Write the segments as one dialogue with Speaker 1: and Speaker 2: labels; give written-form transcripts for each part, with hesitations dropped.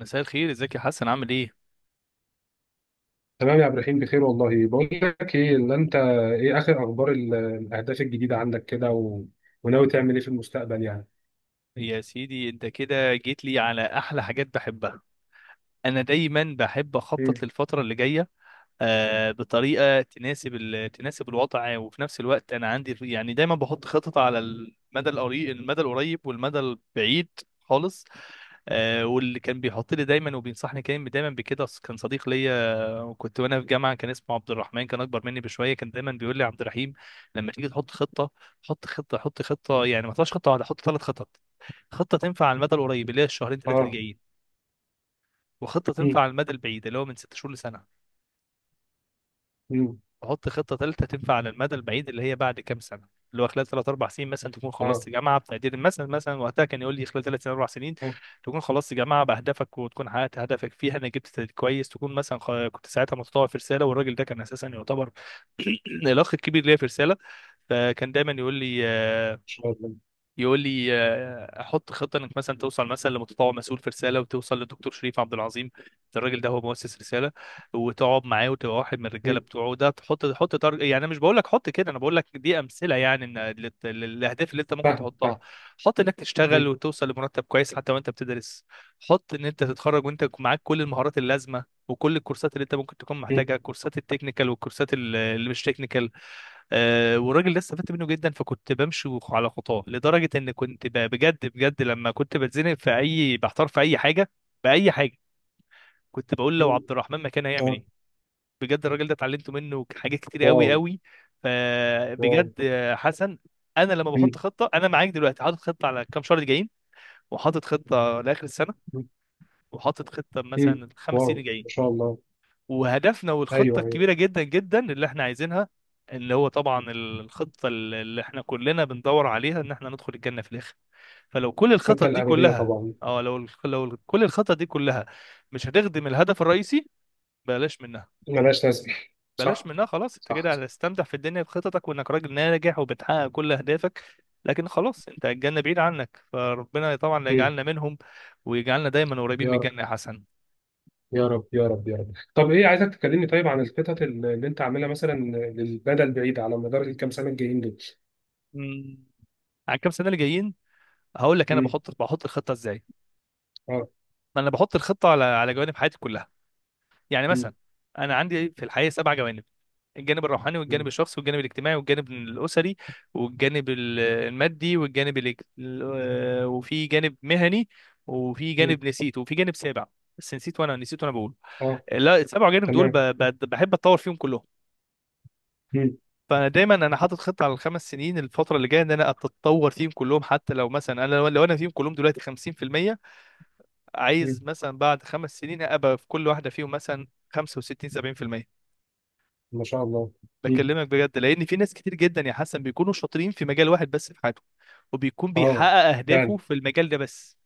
Speaker 1: مساء الخير، ازيك يا حسن، عامل ايه؟
Speaker 2: تمام يا عبد الرحيم، بخير والله. بقول لك ايه، اللي انت ايه اخر اخبار الاهداف الجديده عندك كده و... وناوي تعمل ايه في المستقبل يعني؟
Speaker 1: يا سيدي انت كده جيت لي على احلى حاجات بحبها. انا دايما بحب
Speaker 2: مم.
Speaker 1: اخطط للفتره اللي جايه بطريقه تناسب تناسب الوضع. وفي نفس الوقت انا عندي يعني دايما بحط خطط على المدى القريب والمدى البعيد خالص. واللي كان بيحط لي دايما وبينصحني كان دايما بكده كان صديق ليا، وكنت وانا في جامعه كان اسمه عبد الرحمن، كان اكبر مني بشويه. كان دايما بيقول لي: عبد الرحيم، لما تيجي تحط خطه، حط خطه حط خطه، يعني ما تحطش خطه واحده، حط ثلاث خطط. خطه تنفع على المدى القريب اللي هي الشهرين ثلاثه اللي
Speaker 2: اه.
Speaker 1: جايين، وخطه تنفع
Speaker 2: مم.
Speaker 1: على المدى البعيد اللي هو من ست شهور لسنه.
Speaker 2: مم.
Speaker 1: حط خطة تالتة تنفع على المدى البعيد اللي هي بعد كام سنة، اللي هو خلال ثلاث أربع سنين مثلا تكون خلصت
Speaker 2: اه.
Speaker 1: جامعة بتقدير. مثلا وقتها كان يقول لي: خلال ثلاث سنين أربع سنين
Speaker 2: آه، ان
Speaker 1: تكون خلصت جامعة بأهدافك وتكون حققت هدفك فيها، أنا جبت تقدير كويس. تكون مثلا كنت ساعتها متطوع في رسالة، والراجل ده كان أساسا يعتبر الأخ الكبير ليا في رسالة. فكان دايما يقول لي آه،
Speaker 2: شاء الله.
Speaker 1: يقول لي آه، احط خطه انك مثلا توصل مثلا لمتطوع مسؤول في رساله، وتوصل للدكتور شريف عبد العظيم، ده الراجل ده هو مؤسس رساله، وتقعد معاه وتبقى واحد من الرجاله
Speaker 2: مم.
Speaker 1: بتوعه ده. يعني انا مش بقول لك حط كده، انا بقول لك دي امثله يعني ان للاهداف اللي انت ممكن
Speaker 2: فاهم
Speaker 1: تحطها.
Speaker 2: فاهم.
Speaker 1: حط انك تشتغل
Speaker 2: مم.
Speaker 1: وتوصل لمرتب كويس حتى وانت بتدرس. حط ان انت تتخرج وانت معاك كل المهارات اللازمه وكل الكورسات اللي انت ممكن تكون
Speaker 2: مم.
Speaker 1: محتاجها، كورسات التكنيكال والكورسات اللي مش تكنيكال. والراجل ده استفدت منه جدا، فكنت بمشي على خطاه لدرجه ان كنت بجد بجد لما كنت بتزنق في اي، بحتار في اي حاجه، باي حاجه، كنت بقول: لو
Speaker 2: مم.
Speaker 1: عبد الرحمن مكان هيعمل
Speaker 2: اه.
Speaker 1: ايه؟ بجد الراجل ده اتعلمت منه حاجات كتير
Speaker 2: واو.
Speaker 1: قوي قوي.
Speaker 2: واو.
Speaker 1: فبجد حسن، انا لما بحط
Speaker 2: مم.
Speaker 1: خطه، انا معاك دلوقتي حاطط خطه على كام شهر الجايين، وحاطط خطه لاخر السنه،
Speaker 2: مم.
Speaker 1: وحاطط خطه
Speaker 2: مم.
Speaker 1: مثلا الخمس
Speaker 2: واو.
Speaker 1: سنين
Speaker 2: ما
Speaker 1: الجايين،
Speaker 2: شاء الله.
Speaker 1: وهدفنا والخطة
Speaker 2: ايوه، ايوه.
Speaker 1: الكبيرة جدا جدا اللي احنا عايزينها، اللي هو طبعا الخطة اللي احنا كلنا بندور عليها، ان احنا ندخل الجنة في الاخر. فلو كل الخطط
Speaker 2: الخطه
Speaker 1: دي
Speaker 2: الابديه
Speaker 1: كلها،
Speaker 2: طبعا.
Speaker 1: لو كل الخطط دي كلها مش هتخدم الهدف الرئيسي، بلاش منها.
Speaker 2: ملهاش لازمه.
Speaker 1: بلاش
Speaker 2: صح،
Speaker 1: منها خلاص، انت
Speaker 2: صح.
Speaker 1: كده
Speaker 2: صح.
Speaker 1: هتستمتع في الدنيا بخططك وانك راجل ناجح وبتحقق كل اهدافك، لكن خلاص انت الجنة بعيد عنك. فربنا طبعا لا
Speaker 2: مم.
Speaker 1: يجعلنا منهم، ويجعلنا دايما قريبين من
Speaker 2: يا
Speaker 1: الجنة يا حسن.
Speaker 2: يا رب، يا رب، يا رب. طب ايه، عايزك تكلمني طيب عن الخطط اللي انت عاملها مثلا للمدى البعيد على مدار الكام سنه الجايين دول.
Speaker 1: مم. على الكام سنة اللي جايين هقول لك انا
Speaker 2: امم.
Speaker 1: بحط الخطه ازاي.
Speaker 2: اه.
Speaker 1: ما انا بحط الخطه على جوانب حياتي كلها، يعني مثلا
Speaker 2: امم.
Speaker 1: انا عندي في الحياه سبع جوانب: الجانب الروحاني، والجانب الشخصي، والجانب الاجتماعي، والجانب الاسري، والجانب المادي، والجانب الاج... ال- آه، وفي جانب مهني، وفي
Speaker 2: امم.
Speaker 1: جانب نسيت، وفي جانب سابع بس نسيت. وانا بقول،
Speaker 2: اه.
Speaker 1: لا، السبع جانب دول
Speaker 2: تمام.
Speaker 1: بحب اتطور فيهم كلهم.
Speaker 2: امم.
Speaker 1: فانا دايما انا حاطط خطه على الخمس سنين، الفتره اللي جايه، ان انا اتطور فيهم كلهم. حتى لو مثلا لو انا فيهم كلهم دلوقتي 50%، عايز
Speaker 2: امم.
Speaker 1: مثلا بعد خمس سنين ابقى في كل واحده فيهم مثلا 65 70%.
Speaker 2: ما شاء الله. امم.
Speaker 1: بكلمك بجد لان في ناس كتير جدا يا حسن بيكونوا شاطرين في مجال واحد بس في حياتهم، وبيكون
Speaker 2: اه،
Speaker 1: بيحقق اهدافه
Speaker 2: فعلا.
Speaker 1: في المجال ده بس.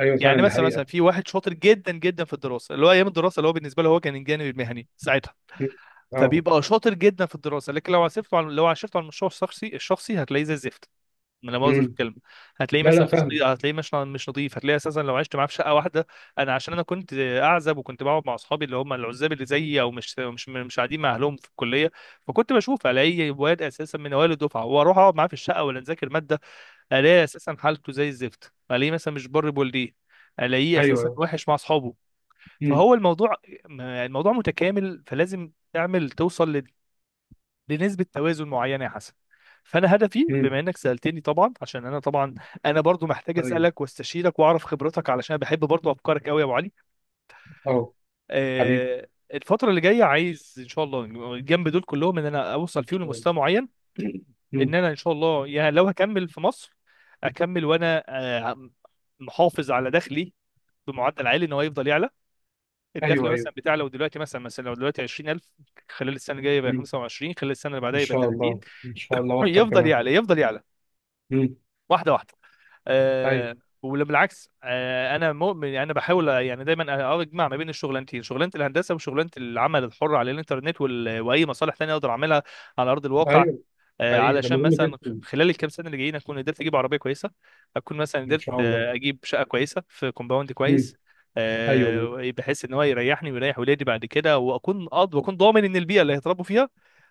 Speaker 2: ايوه
Speaker 1: يعني
Speaker 2: فعلا، ده
Speaker 1: مثلا
Speaker 2: حقيقه.
Speaker 1: في واحد شاطر جدا جدا في الدراسه، اللي هو ايام الدراسه اللي هو بالنسبه له هو كان الجانب المهني ساعتها،
Speaker 2: مم. اه.
Speaker 1: فبيبقى شاطر جدا في الدراسه، لكن لو عصفته على، لو عشرته على المشروع الشخصي هتلاقيه زي الزفت، لا مؤاخذه في
Speaker 2: امم.
Speaker 1: الكلمه. هتلاقيه
Speaker 2: لا
Speaker 1: مثلا
Speaker 2: لا،
Speaker 1: مش نضيف،
Speaker 2: فاهم.
Speaker 1: هتلاقيه مش نضيف، هتلاقيه اساسا لو عشت معاه في شقه واحده. انا عشان كنت اعزب وكنت بقعد مع اصحابي اللي هم العزاب اللي زيي، او مش قاعدين مع اهلهم في الكليه، فكنت بشوف الاقي واد اساسا من اوائل الدفعه واروح اقعد معاه في الشقه، ولا نذاكر ماده، الاقي اساسا حالته زي الزفت. الاقيه مثلا مش بر بولديه، الاقيه
Speaker 2: ايوه
Speaker 1: اساسا
Speaker 2: ايوه.
Speaker 1: وحش مع اصحابه.
Speaker 2: امم.
Speaker 1: فهو الموضوع متكامل، فلازم توصل لنسبة توازن معينة يا حسن. فأنا هدفي،
Speaker 2: امم.
Speaker 1: بما إنك سألتني طبعا، عشان أنا طبعا أنا برضو محتاج
Speaker 2: طيب.
Speaker 1: أسألك واستشيرك وأعرف خبرتك علشان بحب برضو أفكارك قوي يا أبو علي.
Speaker 2: اه. حبيبي.
Speaker 1: آه، الفترة اللي جاية عايز إن شاء الله جنب دول كلهم إن أنا أوصل
Speaker 2: ان
Speaker 1: فيهم
Speaker 2: شاء الله.
Speaker 1: لمستوى معين. إن
Speaker 2: امم.
Speaker 1: أنا إن شاء الله يعني لو هكمل في مصر، أكمل وأنا آه، محافظ على دخلي بمعدل عالي، ان هو يفضل يعلى. الدخل
Speaker 2: ايوه ايوه.
Speaker 1: مثلا بتاع لو دلوقتي، مثلا لو دلوقتي 20,000، خلال السنه الجايه يبقى
Speaker 2: امم.
Speaker 1: 25، خلال السنه اللي
Speaker 2: ان
Speaker 1: بعدها يبقى
Speaker 2: شاء
Speaker 1: 30،
Speaker 2: الله، ان شاء الله، واكتر
Speaker 1: يفضل
Speaker 2: كمان.
Speaker 1: يعلى يفضل يعلى
Speaker 2: امم.
Speaker 1: واحده واحده.
Speaker 2: ايوه
Speaker 1: أه وبالعكس، انا مؤمن يعني، انا بحاول يعني دايما اجمع ما بين الشغلانتين، شغلانه الهندسه وشغلانه العمل الحر على الانترنت، واي مصالح تانية اقدر اعملها على ارض الواقع.
Speaker 2: ايوه. حقيقي ده
Speaker 1: علشان
Speaker 2: مهم
Speaker 1: مثلا
Speaker 2: جدا.
Speaker 1: خلال الكام سنه اللي جايين اكون قدرت اجيب عربيه كويسه، اكون مثلا
Speaker 2: ان
Speaker 1: قدرت
Speaker 2: شاء الله.
Speaker 1: اجيب شقه كويسه في كومباوند كويس،
Speaker 2: ايوه.
Speaker 1: بحيث ان هو يريحني ويريح ولادي بعد كده، واكون قاضي واكون ضامن ان البيئه اللي هيتربوا فيها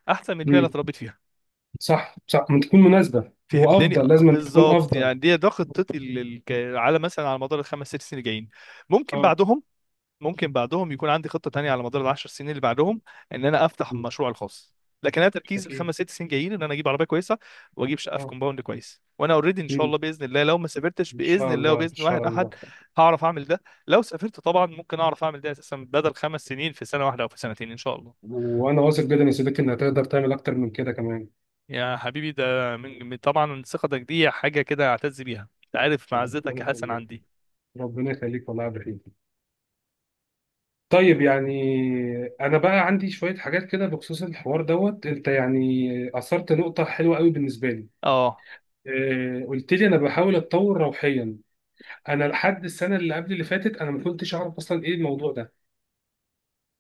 Speaker 1: احسن من البيئه اللي
Speaker 2: امم.
Speaker 1: اتربيت فيها.
Speaker 2: صح، صح، ما تكون مناسبة
Speaker 1: فهمتني؟
Speaker 2: وافضل، لازم أن تكون
Speaker 1: بالظبط.
Speaker 2: افضل.
Speaker 1: يعني دي ده خطتي على مثلا على مدار الخمس ست سنين الجايين. ممكن
Speaker 2: اه.
Speaker 1: بعدهم ممكن بعدهم يكون عندي خطة تانية على مدار العشر سنين اللي بعدهم، ان انا افتح
Speaker 2: مم.
Speaker 1: مشروع الخاص. لكن انا تركيز
Speaker 2: اكيد.
Speaker 1: الخمس ست سنين جايين ان انا اجيب عربية كويسة، واجيب شقة في
Speaker 2: اه.
Speaker 1: كومباوند كويس، وانا اوريدي ان شاء
Speaker 2: مم.
Speaker 1: الله باذن الله، لو ما سافرتش
Speaker 2: ان
Speaker 1: باذن
Speaker 2: شاء
Speaker 1: الله
Speaker 2: الله، ان
Speaker 1: وباذن واحد
Speaker 2: شاء الله.
Speaker 1: احد، هعرف اعمل ده. لو سافرت طبعا ممكن اعرف اعمل ده اساسا بدل خمس سنين في سنة واحدة او في سنتين ان شاء الله.
Speaker 2: وانا واثق جدا يا صديقي انك هتقدر تعمل اكتر من كده كمان.
Speaker 1: يا حبيبي، ده طبعا ثقتك دي حاجة كده أعتز بيها، أنت عارف معزتك
Speaker 2: ربنا
Speaker 1: يا حسن
Speaker 2: يخليك،
Speaker 1: عندي.
Speaker 2: ربنا يخليك والله يا عبد الرحيم. طيب يعني، انا بقى عندي شوية حاجات كده بخصوص الحوار دوت. انت يعني اثرت نقطة حلوة قوي بالنسبة لي.
Speaker 1: أه،
Speaker 2: قلت لي انا بحاول اتطور روحيا. انا لحد السنه اللي قبل اللي فاتت، انا ما كنتش اعرف اصلا ايه الموضوع ده.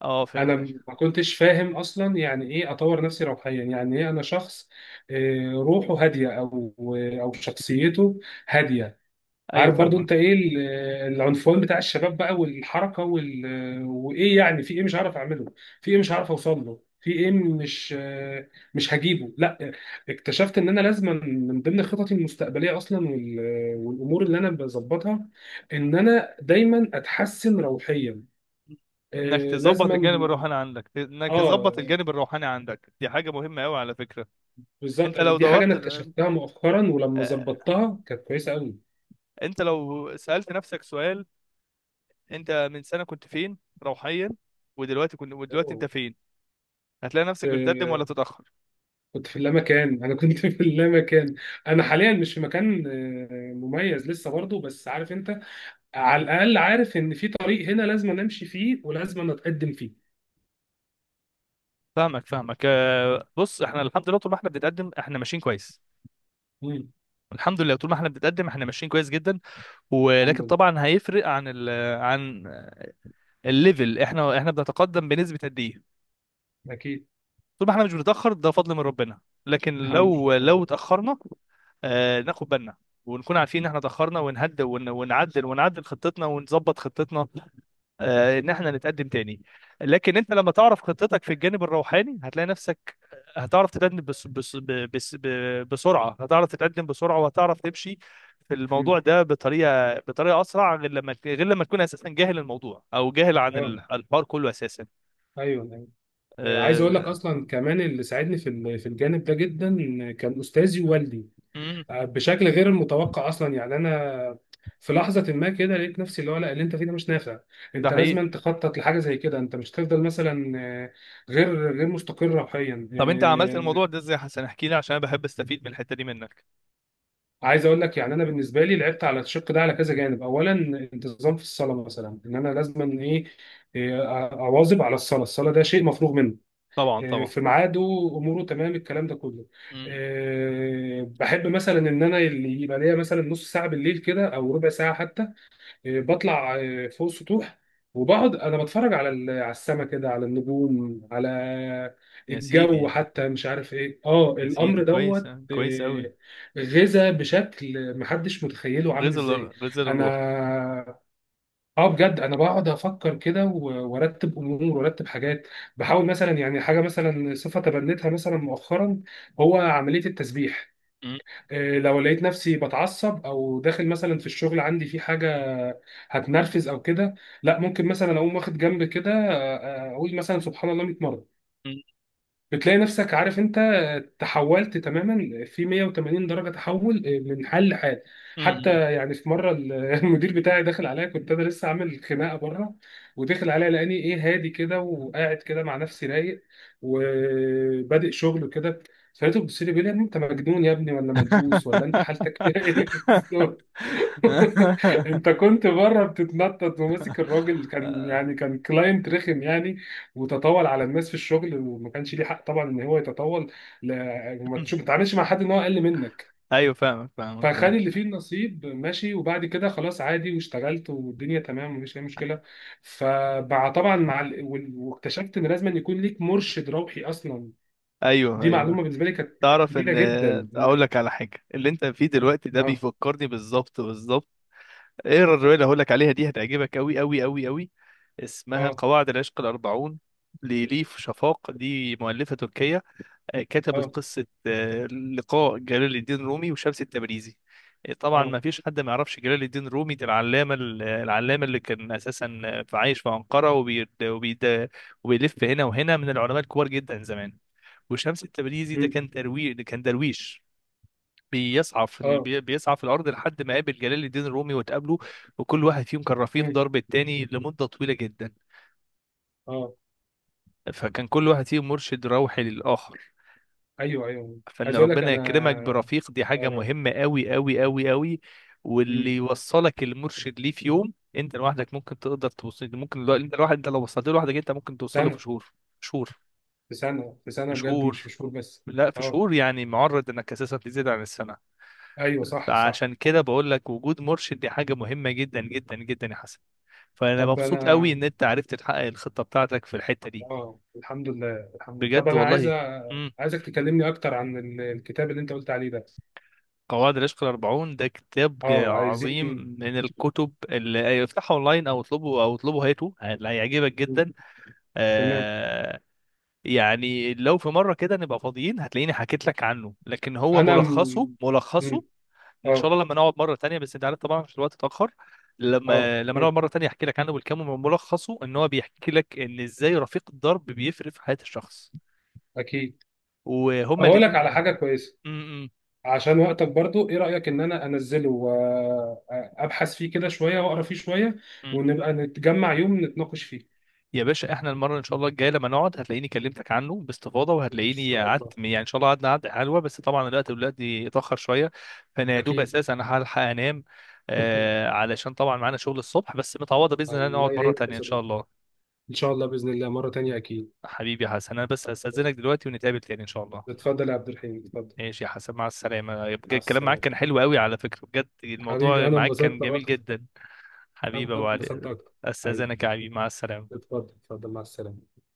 Speaker 1: أه
Speaker 2: انا
Speaker 1: فهمتك.
Speaker 2: ما كنتش فاهم اصلا يعني ايه اطور نفسي روحيا، يعني ايه انا شخص روحه هاديه، او او شخصيته هاديه.
Speaker 1: أيوه
Speaker 2: عارف برضو
Speaker 1: فاهمك.
Speaker 2: انت ايه العنفوان بتاع الشباب بقى والحركه وال... آه، وايه، يعني في ايه مش هعرف اعمله، في ايه مش هعرف اوصل له، في ايه مش هجيبه، لا. اكتشفت ان انا لازم من ضمن خططي المستقبليه اصلا وال... آه، والامور اللي انا بظبطها، ان انا دايما اتحسن روحيا،
Speaker 1: إنك تظبط الجانب
Speaker 2: لازما.
Speaker 1: الروحاني عندك، إنك تظبط
Speaker 2: اه
Speaker 1: الجانب الروحاني عندك دي حاجة مهمة أوي على فكرة.
Speaker 2: بالظبط،
Speaker 1: أنت لو
Speaker 2: دي حاجه انا
Speaker 1: دورت ل-
Speaker 2: اكتشفتها مؤخرا، ولما
Speaker 1: آه،
Speaker 2: ظبطتها كانت كويسه قوي.
Speaker 1: أنت لو سألت نفسك سؤال: أنت من سنة كنت فين روحيا، ودلوقتي أنت
Speaker 2: أوه.
Speaker 1: فين، هتلاقي نفسك بتتقدم
Speaker 2: آه،
Speaker 1: ولا تتأخر.
Speaker 2: كنت في اللامكان، انا كنت في اللامكان. انا حاليا مش في مكان مميز لسه برضه، بس عارف انت، على الاقل عارف ان في طريق هنا لازم نمشي فيه ولازم نتقدم فيه.
Speaker 1: فاهمك فاهمك، بص، احنا الحمد لله طول ما احنا بنتقدم احنا ماشيين كويس.
Speaker 2: مم.
Speaker 1: الحمد لله طول ما احنا بنتقدم احنا ماشيين كويس جدا،
Speaker 2: الحمد
Speaker 1: ولكن
Speaker 2: لله.
Speaker 1: طبعا هيفرق عن الليفل، احنا بنتقدم بنسبة قد ايه.
Speaker 2: اكيد.
Speaker 1: طول ما احنا مش بنتأخر ده فضل من ربنا، لكن
Speaker 2: الحمد
Speaker 1: لو
Speaker 2: لله.
Speaker 1: اتأخرنا ناخد بالنا ونكون عارفين ان احنا اتأخرنا، ونهدى ونعدل خطتنا، ونظبط خطتنا، ان احنا نتقدم تاني. لكن انت لما تعرف خطتك في الجانب الروحاني هتلاقي نفسك هتعرف تتقدم بسرعه، هتعرف تتقدم بسرعه، وهتعرف تمشي في
Speaker 2: مم.
Speaker 1: الموضوع ده بطريقه اسرع، غير لما تكون اساسا جاهل الموضوع او جاهل عن
Speaker 2: اه.
Speaker 1: الحوار كله اساسا.
Speaker 2: ايوه، أيوة. عايز اقول لك
Speaker 1: أه...
Speaker 2: اصلا كمان، اللي ساعدني في الجانب ده جدا كان استاذي ووالدي،
Speaker 1: مم،
Speaker 2: بشكل غير المتوقع اصلا. يعني انا في لحظه ما كده لقيت نفسي، اللي هو لا، اللي انت فيه ده مش نافع،
Speaker 1: ده
Speaker 2: انت
Speaker 1: حقيقي.
Speaker 2: لازم تخطط لحاجه زي كده، انت مش هتفضل مثلا آه، غير مستقر روحيا
Speaker 1: طب انت عملت الموضوع ده ازاي يا حسن؟ احكي لي عشان انا بحب استفيد من الحته دي منك.
Speaker 2: عايز اقول لك، يعني انا بالنسبه لي لعبت على الشق ده على كذا جانب. اولا، انتظام في الصلاه، مثلا ان انا لازم ايه، اواظب على الصلاه. الصلاه ده شيء مفروغ منه،
Speaker 1: طبعا طبعا.
Speaker 2: في ميعاده، اموره تمام، الكلام ده كله.
Speaker 1: مم.
Speaker 2: بحب مثلا ان انا اللي يبقى ليا مثلا نص ساعه بالليل كده او ربع ساعه حتى، بطلع فوق السطوح وبقعد انا بتفرج على السما كده، على النجوم، على
Speaker 1: يا
Speaker 2: الجو
Speaker 1: سيدي،
Speaker 2: حتى، مش عارف ايه،
Speaker 1: يا سيدي
Speaker 2: الامر
Speaker 1: كويس،
Speaker 2: دوت
Speaker 1: كويس قوي.
Speaker 2: آه، غذا بشكل محدش متخيله عامل
Speaker 1: غزل
Speaker 2: ازاي.
Speaker 1: غزل
Speaker 2: انا،
Speaker 1: الروح.
Speaker 2: اه بجد انا بقعد افكر كده و- وارتب امور، وارتب حاجات. بحاول مثلا يعني حاجه، مثلا صفه تبنيتها مثلا مؤخرا، هو عمليه التسبيح.
Speaker 1: مم،
Speaker 2: لو لقيت نفسي بتعصب، او داخل مثلا في الشغل عندي في حاجه هتنرفز او كده، لا، ممكن مثلا اقوم واخد جنب كده، اقول مثلا سبحان الله 100 مره.
Speaker 1: مم،
Speaker 2: بتلاقي نفسك عارف انت، تحولت تماما في 180 درجه تحول، من حال لحال. حتى
Speaker 1: مم.
Speaker 2: يعني في مره المدير بتاعي دخل عليا، كنت انا لسه عامل خناقه بره، ودخل عليا لقاني ايه، هادي كده، وقاعد كده مع نفسي رايق، وبادئ شغل كده. فلقيته بيبص لي، بيقول لي، يا ابني انت مجنون يا ابني، ولا ملبوس، ولا انت حالتك ايه؟ انت كنت بره بتتنطط وماسك الراجل، كان يعني كان كلاينت رخم يعني، وتطاول على الناس في الشغل، وما كانش ليه حق طبعا ان هو يتطاول. لا، وما تشوف، ما تتعاملش مع حد ان هو اقل منك.
Speaker 1: ايوه فاهمك، فاهمك،
Speaker 2: فخد
Speaker 1: فاهم.
Speaker 2: اللي فيه النصيب، ماشي، وبعد كده خلاص عادي، واشتغلت، والدنيا تمام، مفيش اي مشكله. فمع طبعا واكتشفت ان لازم أن يكون ليك مرشد روحي اصلا،
Speaker 1: ايوه
Speaker 2: دي
Speaker 1: ايوه.
Speaker 2: معلومه بالنسبه لي كانت
Speaker 1: تعرف
Speaker 2: جديده
Speaker 1: ان،
Speaker 2: جدا
Speaker 1: اقول
Speaker 2: إنك-
Speaker 1: لك على حاجه: اللي انت فيه دلوقتي ده
Speaker 2: اه،
Speaker 1: بيفكرني بالظبط بالظبط ايه؟ الروايه اللي هقول لك عليها دي هتعجبك قوي قوي قوي قوي. اسمها
Speaker 2: اه،
Speaker 1: قواعد العشق الاربعون لليف شفاق، دي مؤلفه تركيه. كتبت
Speaker 2: اه،
Speaker 1: قصه لقاء جلال الدين رومي وشمس التبريزي. طبعا
Speaker 2: اه.
Speaker 1: ما فيش حد ما يعرفش جلال الدين رومي، ده العلامه العلامه اللي كان اساسا عايش في انقره، وبيلف هنا وهنا، من العلماء الكبار جدا زمان. وشمس التبريزي ده
Speaker 2: مم.
Speaker 1: كان ترويج، ده كان درويش بيسعى في
Speaker 2: اه.
Speaker 1: بيسعى في الارض لحد ما قابل جلال الدين الرومي وتقابله. وكل واحد فيهم كان رفيق
Speaker 2: مم.
Speaker 1: درب التاني لمده طويله جدا،
Speaker 2: اه.
Speaker 1: فكان كل واحد فيهم مرشد روحي للاخر.
Speaker 2: ايوه ايوه.
Speaker 1: فان
Speaker 2: عايز اقول لك،
Speaker 1: ربنا يكرمك
Speaker 2: انا
Speaker 1: برفيق دي حاجه
Speaker 2: أقرب.
Speaker 1: مهمه قوي قوي قوي قوي.
Speaker 2: مم.
Speaker 1: واللي يوصلك المرشد ليه في يوم انت لوحدك ممكن تقدر توصل، ممكن لو... انت لوحدك انت لو وصلت له لوحدك انت ممكن توصل له في
Speaker 2: سنه،
Speaker 1: شهور. شهور،
Speaker 2: في سنه، في
Speaker 1: في
Speaker 2: سنه، بجد
Speaker 1: شهور،
Speaker 2: مش في شهور بس.
Speaker 1: لا، في
Speaker 2: اه.
Speaker 1: شهور يعني، معرض انك اساسا تزيد عن السنه.
Speaker 2: ايوه، صح، صح.
Speaker 1: فعشان كده بقول لك وجود مرشد دي حاجة مهمة جدا جدا جدا يا حسن. فأنا
Speaker 2: طب
Speaker 1: مبسوط
Speaker 2: انا.
Speaker 1: قوي إن أنت عرفت تحقق الخطة بتاعتك في الحتة دي.
Speaker 2: اه، الحمد لله الحمد لله. طب
Speaker 1: بجد
Speaker 2: انا عايز،
Speaker 1: والله. امم
Speaker 2: عايزك تكلمني اكتر عن الكتاب اللي انت قلت عليه ده.
Speaker 1: قواعد العشق الأربعون ده كتاب
Speaker 2: اه، عايزين.
Speaker 1: عظيم، من الكتب اللي افتحه أونلاين، أو اطلبه هاته، هيعجبك
Speaker 2: مم.
Speaker 1: جدا.
Speaker 2: تمام.
Speaker 1: آه يعني لو في مرة كده نبقى فاضيين هتلاقيني حكيت لك عنه، لكن هو
Speaker 2: انا
Speaker 1: ملخصه
Speaker 2: م...
Speaker 1: ملخصه
Speaker 2: مم.
Speaker 1: ان شاء
Speaker 2: اه.
Speaker 1: الله لما نقعد مره تانية، بس انت عارف طبعا عشان الوقت اتاخر،
Speaker 2: اه.
Speaker 1: لما نقعد
Speaker 2: تمام.
Speaker 1: مره تانية احكي لك عنه بالكامل. ملخصه ان هو بيحكي لك ان ازاي رفيق الدرب بيفرق في حياه الشخص،
Speaker 2: اكيد.
Speaker 1: وهما
Speaker 2: هقول لك على
Speaker 1: الاثنين.
Speaker 2: حاجه كويسه،
Speaker 1: م- م-
Speaker 2: عشان وقتك برضو، ايه رأيك ان انا انزله وابحث فيه كده شوية، واقرا فيه شوية،
Speaker 1: م.
Speaker 2: ونبقى نتجمع يوم نتناقش فيه.
Speaker 1: يا باشا، احنا المره ان شاء الله الجايه لما نقعد هتلاقيني كلمتك عنه باستفاضه،
Speaker 2: إن
Speaker 1: وهتلاقيني
Speaker 2: شاء الله.
Speaker 1: قعدت يعني ان شاء الله، قعدنا قعده حلوه، بس طبعا الوقت دلوقتي اتاخر شويه، فانا يا دوب
Speaker 2: أكيد.
Speaker 1: اساسا هلحق انام، علشان طبعا معانا شغل الصبح، بس متعوضه باذن الله
Speaker 2: الله
Speaker 1: نقعد مره
Speaker 2: يعينك يا
Speaker 1: تانية ان شاء
Speaker 2: صديقي.
Speaker 1: الله.
Speaker 2: إن شاء الله بإذن الله مرة تانية أكيد.
Speaker 1: حبيبي يا حسن، انا بس هستاذنك دلوقتي ونتقابل تاني ان شاء الله.
Speaker 2: اتفضل يا عبد الرحيم، اتفضل.
Speaker 1: ماشي يا حسن، مع السلامة. يبقى
Speaker 2: مع
Speaker 1: الكلام معاك
Speaker 2: السلامة.
Speaker 1: كان حلو قوي على فكرة، بجد الموضوع
Speaker 2: حبيبي، أنا
Speaker 1: معاك كان
Speaker 2: انبسطت
Speaker 1: جميل
Speaker 2: أكتر،
Speaker 1: جدا. حبيبي
Speaker 2: أنا
Speaker 1: يا أبو
Speaker 2: انبسطت
Speaker 1: علي،
Speaker 2: أكتر. حبيبي.
Speaker 1: أستاذنك يا حبيبي، مع السلامة.
Speaker 2: اتفضل، اتفضل، مع السلامة.